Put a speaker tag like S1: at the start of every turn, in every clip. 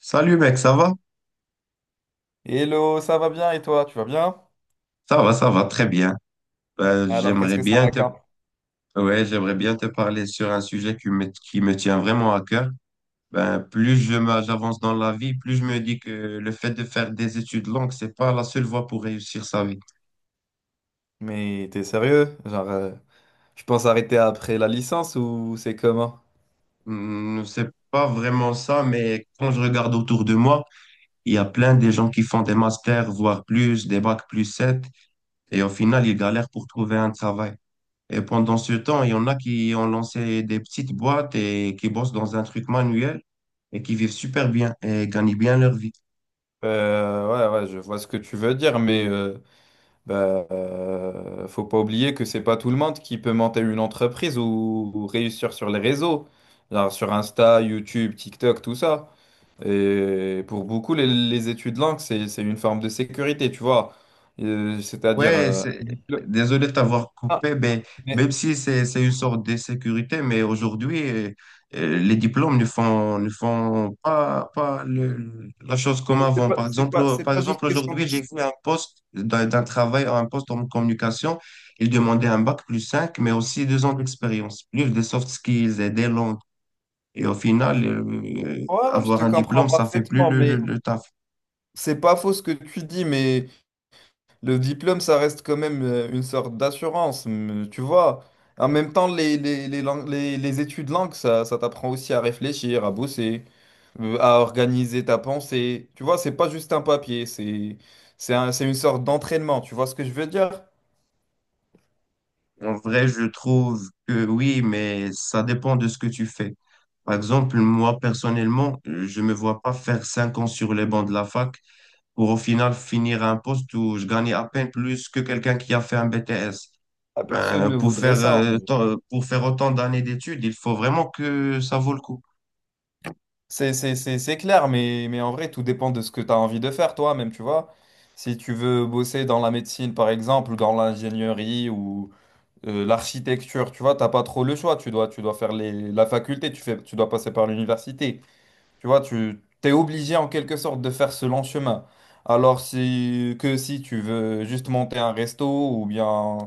S1: Salut mec, ça va?
S2: Hello, ça va bien et toi, tu vas bien?
S1: Ça va, ça va très bien.
S2: Alors, qu'est-ce
S1: J'aimerais
S2: que ça
S1: bien te,
S2: raconte?
S1: ouais, j'aimerais bien te parler sur un sujet qui me tient vraiment à cœur. Ben, plus j'avance dans la vie, plus je me dis que le fait de faire des études longues, c'est pas la seule voie pour réussir sa vie.
S2: Mais t'es sérieux? Tu penses arrêter après la licence ou c'est comment?
S1: Hmm, c'est pas vraiment ça, mais quand je regarde autour de moi, il y a plein de gens qui font des masters, voire plus, des bacs plus 7, et au final, ils galèrent pour trouver un travail. Et pendant ce temps, il y en a qui ont lancé des petites boîtes et qui bossent dans un truc manuel et qui vivent super bien et gagnent bien leur vie.
S2: Ouais, je vois ce que tu veux dire, mais faut pas oublier que c'est pas tout le monde qui peut monter une entreprise ou réussir sur les réseaux, genre sur Insta, YouTube, TikTok, tout ça. Et pour beaucoup, les études langues, c'est une forme de sécurité, tu vois. C'est-à-dire,
S1: Ouais, c'est...
S2: un diplôme.
S1: désolé de t'avoir
S2: Ah,
S1: coupé, mais
S2: mais
S1: même si c'est une sorte de sécurité, mais aujourd'hui, les diplômes ne font pas, pas la chose comme avant. Par exemple, euh,
S2: C'est
S1: par
S2: pas juste
S1: exemple
S2: question de...
S1: aujourd'hui, j'ai fait un poste d'un travail, un poste en communication. Il demandait un bac plus 5, mais aussi deux ans d'expérience, plus des soft skills et des langues. Et au final,
S2: Ouais, je
S1: avoir
S2: te
S1: un
S2: comprends
S1: diplôme, ça fait plus
S2: parfaitement, mais
S1: le taf.
S2: c'est pas faux ce que tu dis, mais le diplôme, ça reste quand même une sorte d'assurance, mais tu vois. En même temps, les études langues, ça t'apprend aussi à réfléchir, à bosser, à organiser ta pensée. Tu vois, c'est pas juste un papier, c'est c'est une sorte d'entraînement, tu vois ce que je veux dire?
S1: En vrai, je trouve que oui, mais ça dépend de ce que tu fais. Par exemple, moi, personnellement, je me vois pas faire cinq ans sur les bancs de la fac pour au final finir à un poste où je gagnais à peine plus que quelqu'un qui a fait un BTS.
S2: La personne
S1: Ben,
S2: ne
S1: pour
S2: voudrait ça.
S1: pour faire autant d'années d'études, il faut vraiment que ça vaut le coup.
S2: C'est clair, mais en vrai, tout dépend de ce que tu as envie de faire toi-même, tu vois. Si tu veux bosser dans la médecine, par exemple, dans l'ingénierie ou l'architecture, tu vois, t'as pas trop le choix. Tu dois faire la faculté, tu dois passer par l'université. Tu vois, tu t'es obligé en quelque sorte de faire ce long chemin. Alors si tu veux juste monter un resto ou bien,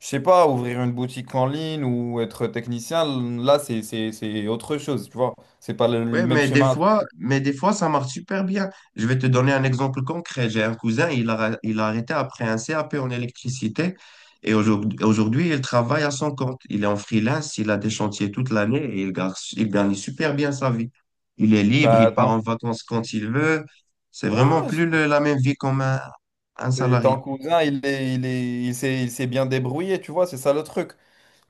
S2: je sais pas, ouvrir une boutique en ligne ou être technicien, là, c'est autre chose, tu vois. C'est pas le
S1: Ouais,
S2: même chemin.
S1: mais des fois, ça marche super bien. Je vais te donner un exemple concret. J'ai un cousin, il a arrêté après un CAP en électricité et aujourd'hui, il travaille à son compte. Il est en freelance, il a des chantiers toute l'année et il gagne super bien sa vie. Il est libre,
S2: Bah,
S1: il part
S2: ton...
S1: en vacances quand il veut. C'est
S2: ouais,
S1: vraiment
S2: ouais,
S1: plus la même vie comme un
S2: c'est- ton
S1: salarié.
S2: cousin, il s'est bien débrouillé, tu vois, c'est ça le truc.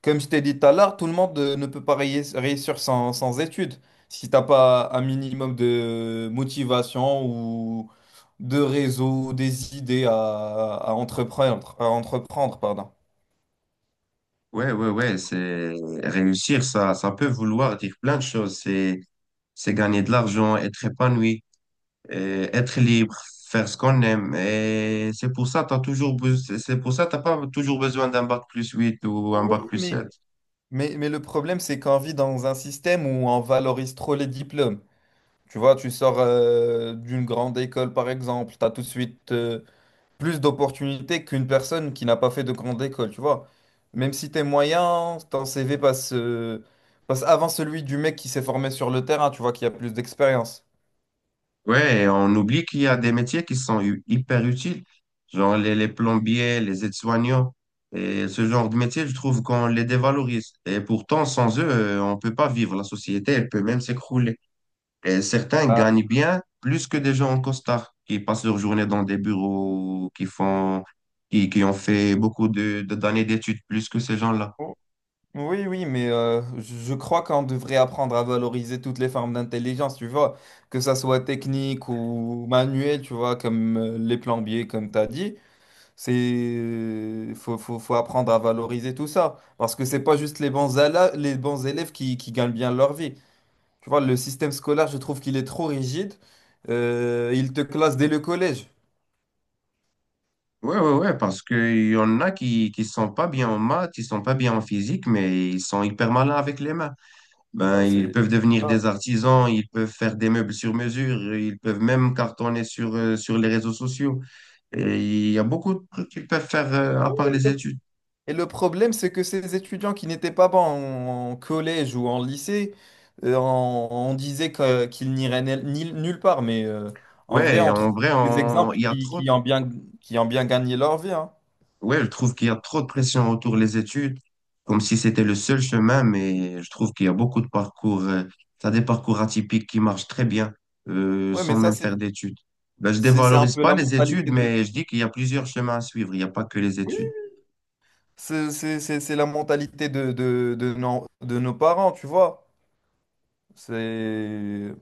S2: Comme je t'ai dit tout à l'heure, tout le monde ne peut pas réussir sans études. Si t'as pas un minimum de motivation ou de réseau, des idées à entreprendre, pardon.
S1: Ouais, c'est réussir, ça peut vouloir dire plein de choses. C'est gagner de l'argent, être épanoui, être libre, faire ce qu'on aime. Et c'est pour ça, c'est pour ça, t'as pas toujours besoin d'un bac plus 8 ou un
S2: Oui,
S1: bac plus
S2: mais...
S1: 7.
S2: Mais le problème, c'est qu'on vit dans un système où on valorise trop les diplômes. Tu vois, tu sors d'une grande école, par exemple, tu as tout de suite... plus d'opportunités qu'une personne qui n'a pas fait de grande école, tu vois. Même si t'es moyen, ton CV passe, passe avant celui du mec qui s'est formé sur le terrain, tu vois, qui a plus d'expérience.
S1: Ouais, et on oublie qu'il y a des métiers qui sont hyper utiles, genre les plombiers, les aides-soignants. Et ce genre de métier, je trouve qu'on les dévalorise. Et pourtant, sans eux, on peut pas vivre. La société, elle peut même s'écrouler. Et certains
S2: Ah,
S1: gagnent bien plus que des gens en costard qui passent leur journée dans des bureaux, qui ont fait beaucoup de, d'années d'études plus que ces gens-là.
S2: oh, oui, oui, mais je crois qu'on devrait apprendre à valoriser toutes les formes d'intelligence, tu vois, que ça soit technique ou manuelle, tu vois, comme les plombiers, comme t'as dit. C'est faut apprendre à valoriser tout ça parce que c'est pas juste les bons, les bons élèves qui gagnent bien leur vie. Tu vois, le système scolaire, je trouve qu'il est trop rigide. Il te classe dès le collège.
S1: Ouais, parce qu'il y en a qui sont pas bien en maths, ils sont pas bien en physique, mais ils sont hyper malins avec les mains. Ben,
S2: Voilà,
S1: ils
S2: c'est
S1: peuvent devenir
S2: ça.
S1: des artisans, ils peuvent faire des meubles sur mesure, ils peuvent même cartonner sur les réseaux sociaux. Et il y a beaucoup de trucs qu'ils peuvent faire à part les études.
S2: Et le problème, c'est que ces étudiants qui n'étaient pas bons en collège ou en lycée, on disait qu'ils n'iraient nulle part. Mais en vrai, on trouve des exemples
S1: Il y a
S2: qui,
S1: trop
S2: qui ont bien, qui ont bien gagné leur vie, hein.
S1: ouais, je trouve qu'il y a trop de pression autour des études, comme si c'était le seul chemin, mais je trouve qu'il y a beaucoup de parcours, t'as des parcours atypiques qui marchent très bien,
S2: Ouais,
S1: sans
S2: mais ça,
S1: même faire d'études. Ben, je
S2: c'est un
S1: dévalorise
S2: peu
S1: pas
S2: la
S1: les études,
S2: mentalité de...
S1: mais je dis qu'il y a plusieurs chemins à suivre, il n'y a pas que les
S2: Oui,
S1: études.
S2: c'est la mentalité de nos parents, tu vois. C'est...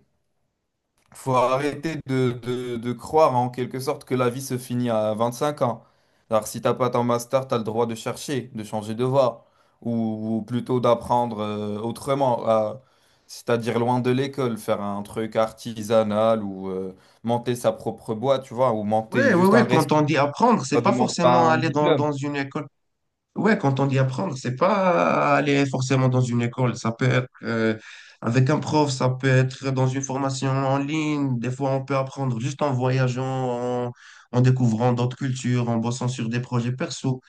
S2: faut arrêter de croire en quelque sorte que la vie se finit à 25 ans. Alors, si t'as pas ton master, t'as le droit de chercher, de changer de voie, ou plutôt d'apprendre autrement, à- c'est-à-dire loin de l'école, faire un truc artisanal ou monter sa propre boîte, tu vois, ou monter juste
S1: Oui.
S2: un
S1: Quand
S2: resto.
S1: on dit apprendre,
S2: Ça
S1: c'est pas
S2: demande pas
S1: forcément
S2: un
S1: aller
S2: diplôme.
S1: dans une école. Ouais, quand on dit apprendre, c'est pas aller forcément dans une école. Ça peut être avec un prof, ça peut être dans une formation en ligne. Des fois, on peut apprendre juste en voyageant, en, en découvrant d'autres cultures, en bossant sur des projets perso.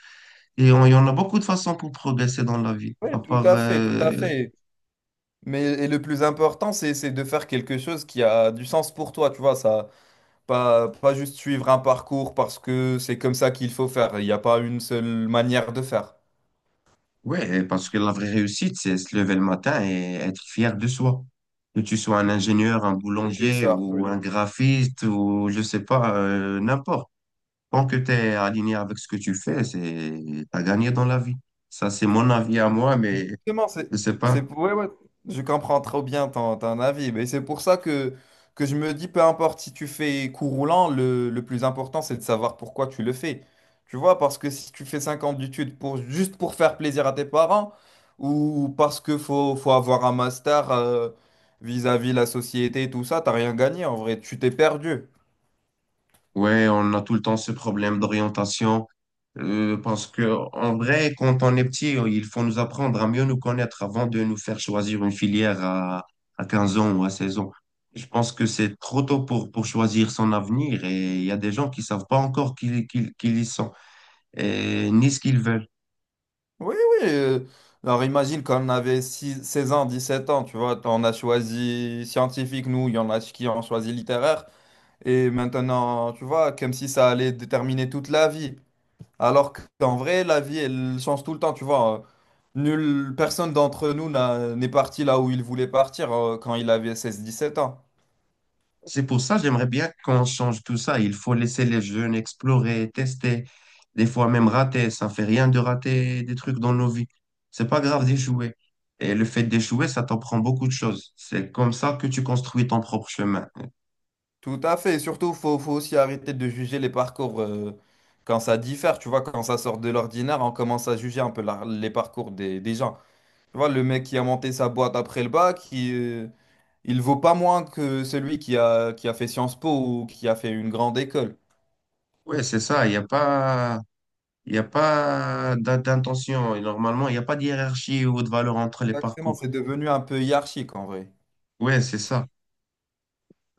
S1: Et il y en a beaucoup de façons pour progresser dans la vie.
S2: Oui,
S1: À
S2: tout
S1: part,
S2: à fait, tout à fait. Mais et le plus important, c'est de faire quelque chose qui a du sens pour toi, tu vois, ça. Pas juste suivre un parcours parce que c'est comme ça qu'il faut faire. Il n'y a pas une seule manière de faire.
S1: ouais, parce que la vraie réussite, c'est se lever le matin et être fier de soi. Que tu sois un ingénieur, un
S2: C'est que
S1: boulanger
S2: ça.
S1: ou un
S2: Oui.
S1: graphiste ou je sais pas, n'importe. Tant que tu es aligné avec ce que tu fais, c'est t'as gagné dans la vie. Ça, c'est mon avis à moi, mais
S2: Justement,
S1: je sais
S2: c'est,
S1: pas.
S2: ouais, ouais, je comprends trop bien ton avis, mais c'est pour ça que je me dis, peu importe si tu fais cours roulant, le plus important, c'est de savoir pourquoi tu le fais. Tu vois, parce que si tu fais 5 ans d'études pour, juste pour faire plaisir à tes parents, ou parce que faut avoir un master vis-à-vis la société et tout ça, t'as rien gagné en vrai, tu t'es perdu.
S1: Ouais, on a tout le temps ce problème d'orientation, euh, parce que, en vrai, quand on est petit, il faut nous apprendre à mieux nous connaître avant de nous faire choisir une filière à 15 ans ou à 16 ans. Je pense que c'est trop tôt pour choisir son avenir et il y a des gens qui savent pas encore qui ils sont et ni ce qu'ils veulent.
S2: Oui, oui. Alors imagine quand on avait 16 ans, sept ans, tu vois, on a choisi scientifique, nous, il y en a qui ont choisi littéraire. Et maintenant, tu vois, comme si ça allait déterminer toute la vie. Alors qu'en vrai, la vie, elle change tout le temps, tu vois. Nulle personne d'entre nous n'est parti là où il voulait partir quand il avait 16 17 ans.
S1: C'est pour ça j'aimerais bien qu'on change tout ça. Il faut laisser les jeunes explorer, tester, des fois même rater. Ça fait rien de rater des trucs dans nos vies. C'est pas grave d'échouer. Et le fait d'échouer, ça t'apprend beaucoup de choses. C'est comme ça que tu construis ton propre chemin.
S2: Tout à fait. Et surtout, faut aussi arrêter de juger les parcours, quand ça diffère, tu vois, quand ça sort de l'ordinaire, on commence à juger un peu les parcours des gens. Tu vois, le mec qui a monté sa boîte après le bac, il vaut pas moins que celui qui a fait Sciences Po ou qui a fait une grande école.
S1: Oui, c'est ça. Il y a pas d'intention. Et normalement, il n'y a pas de hiérarchie ou de valeur entre les
S2: Exactement,
S1: parcours.
S2: c'est devenu un peu hiérarchique en vrai.
S1: Oui, c'est ça.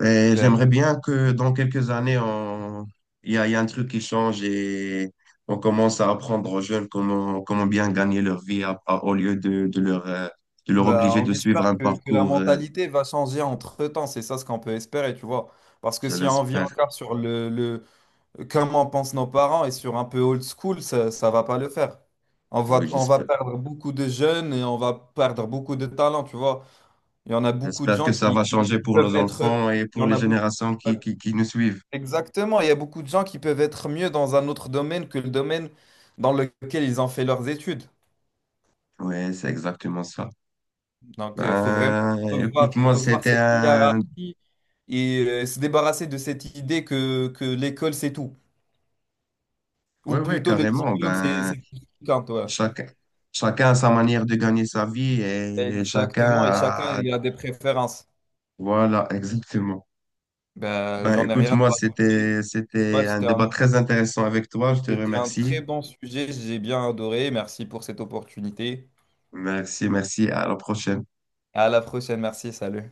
S1: Et
S2: Ben,
S1: j'aimerais bien que dans quelques années, il y a un truc qui change et on commence à apprendre aux jeunes comment bien gagner leur vie au lieu de leur
S2: bah,
S1: obliger
S2: on
S1: de suivre
S2: espère
S1: un
S2: que la
S1: parcours,
S2: mentalité va changer entre-temps, c'est ça ce qu'on peut espérer, tu vois. Parce que
S1: je
S2: si on vit
S1: l'espère.
S2: encore sur le comment pensent nos parents et sur un peu old school, ça va pas le faire. On
S1: Ah
S2: va,
S1: oui,
S2: on va
S1: j'espère.
S2: perdre beaucoup de jeunes et on va perdre beaucoup de talents, tu vois. Il y en a beaucoup de
S1: J'espère
S2: gens
S1: que ça
S2: qui,
S1: va
S2: qui-
S1: changer
S2: qui
S1: pour
S2: peuvent
S1: nos
S2: être.
S1: enfants et
S2: Il y
S1: pour
S2: en
S1: les
S2: a beaucoup.
S1: générations qui nous suivent.
S2: Exactement, il y a beaucoup de gens qui peuvent être mieux dans un autre domaine que le domaine dans lequel ils ont fait leurs études.
S1: Oui, c'est exactement ça.
S2: Donc, il faut vraiment
S1: Ben,
S2: revoir,
S1: écoute-moi,
S2: revoir
S1: c'était
S2: cette
S1: un...
S2: hiérarchie et se débarrasser de cette idée que l'école, c'est tout.
S1: Oui,
S2: Ou
S1: oui,
S2: plutôt, le
S1: carrément.
S2: diplôme, c'est
S1: Ben,
S2: c'est tout ce qui compte, ouais.
S1: chacun, chacun a sa manière de gagner sa vie et chacun
S2: Exactement, et chacun
S1: a...
S2: il a des préférences.
S1: Voilà, exactement.
S2: Ben,
S1: Ben,
S2: j'en ai
S1: écoute,
S2: rien à
S1: moi,
S2: rajouter. Ouais,
S1: c'était un
S2: c'était
S1: débat
S2: un
S1: très intéressant avec toi. Je te
S2: C'était un
S1: remercie.
S2: très bon sujet, j'ai bien adoré. Merci pour cette opportunité.
S1: Merci, merci. À la prochaine.
S2: À la prochaine, merci, salut.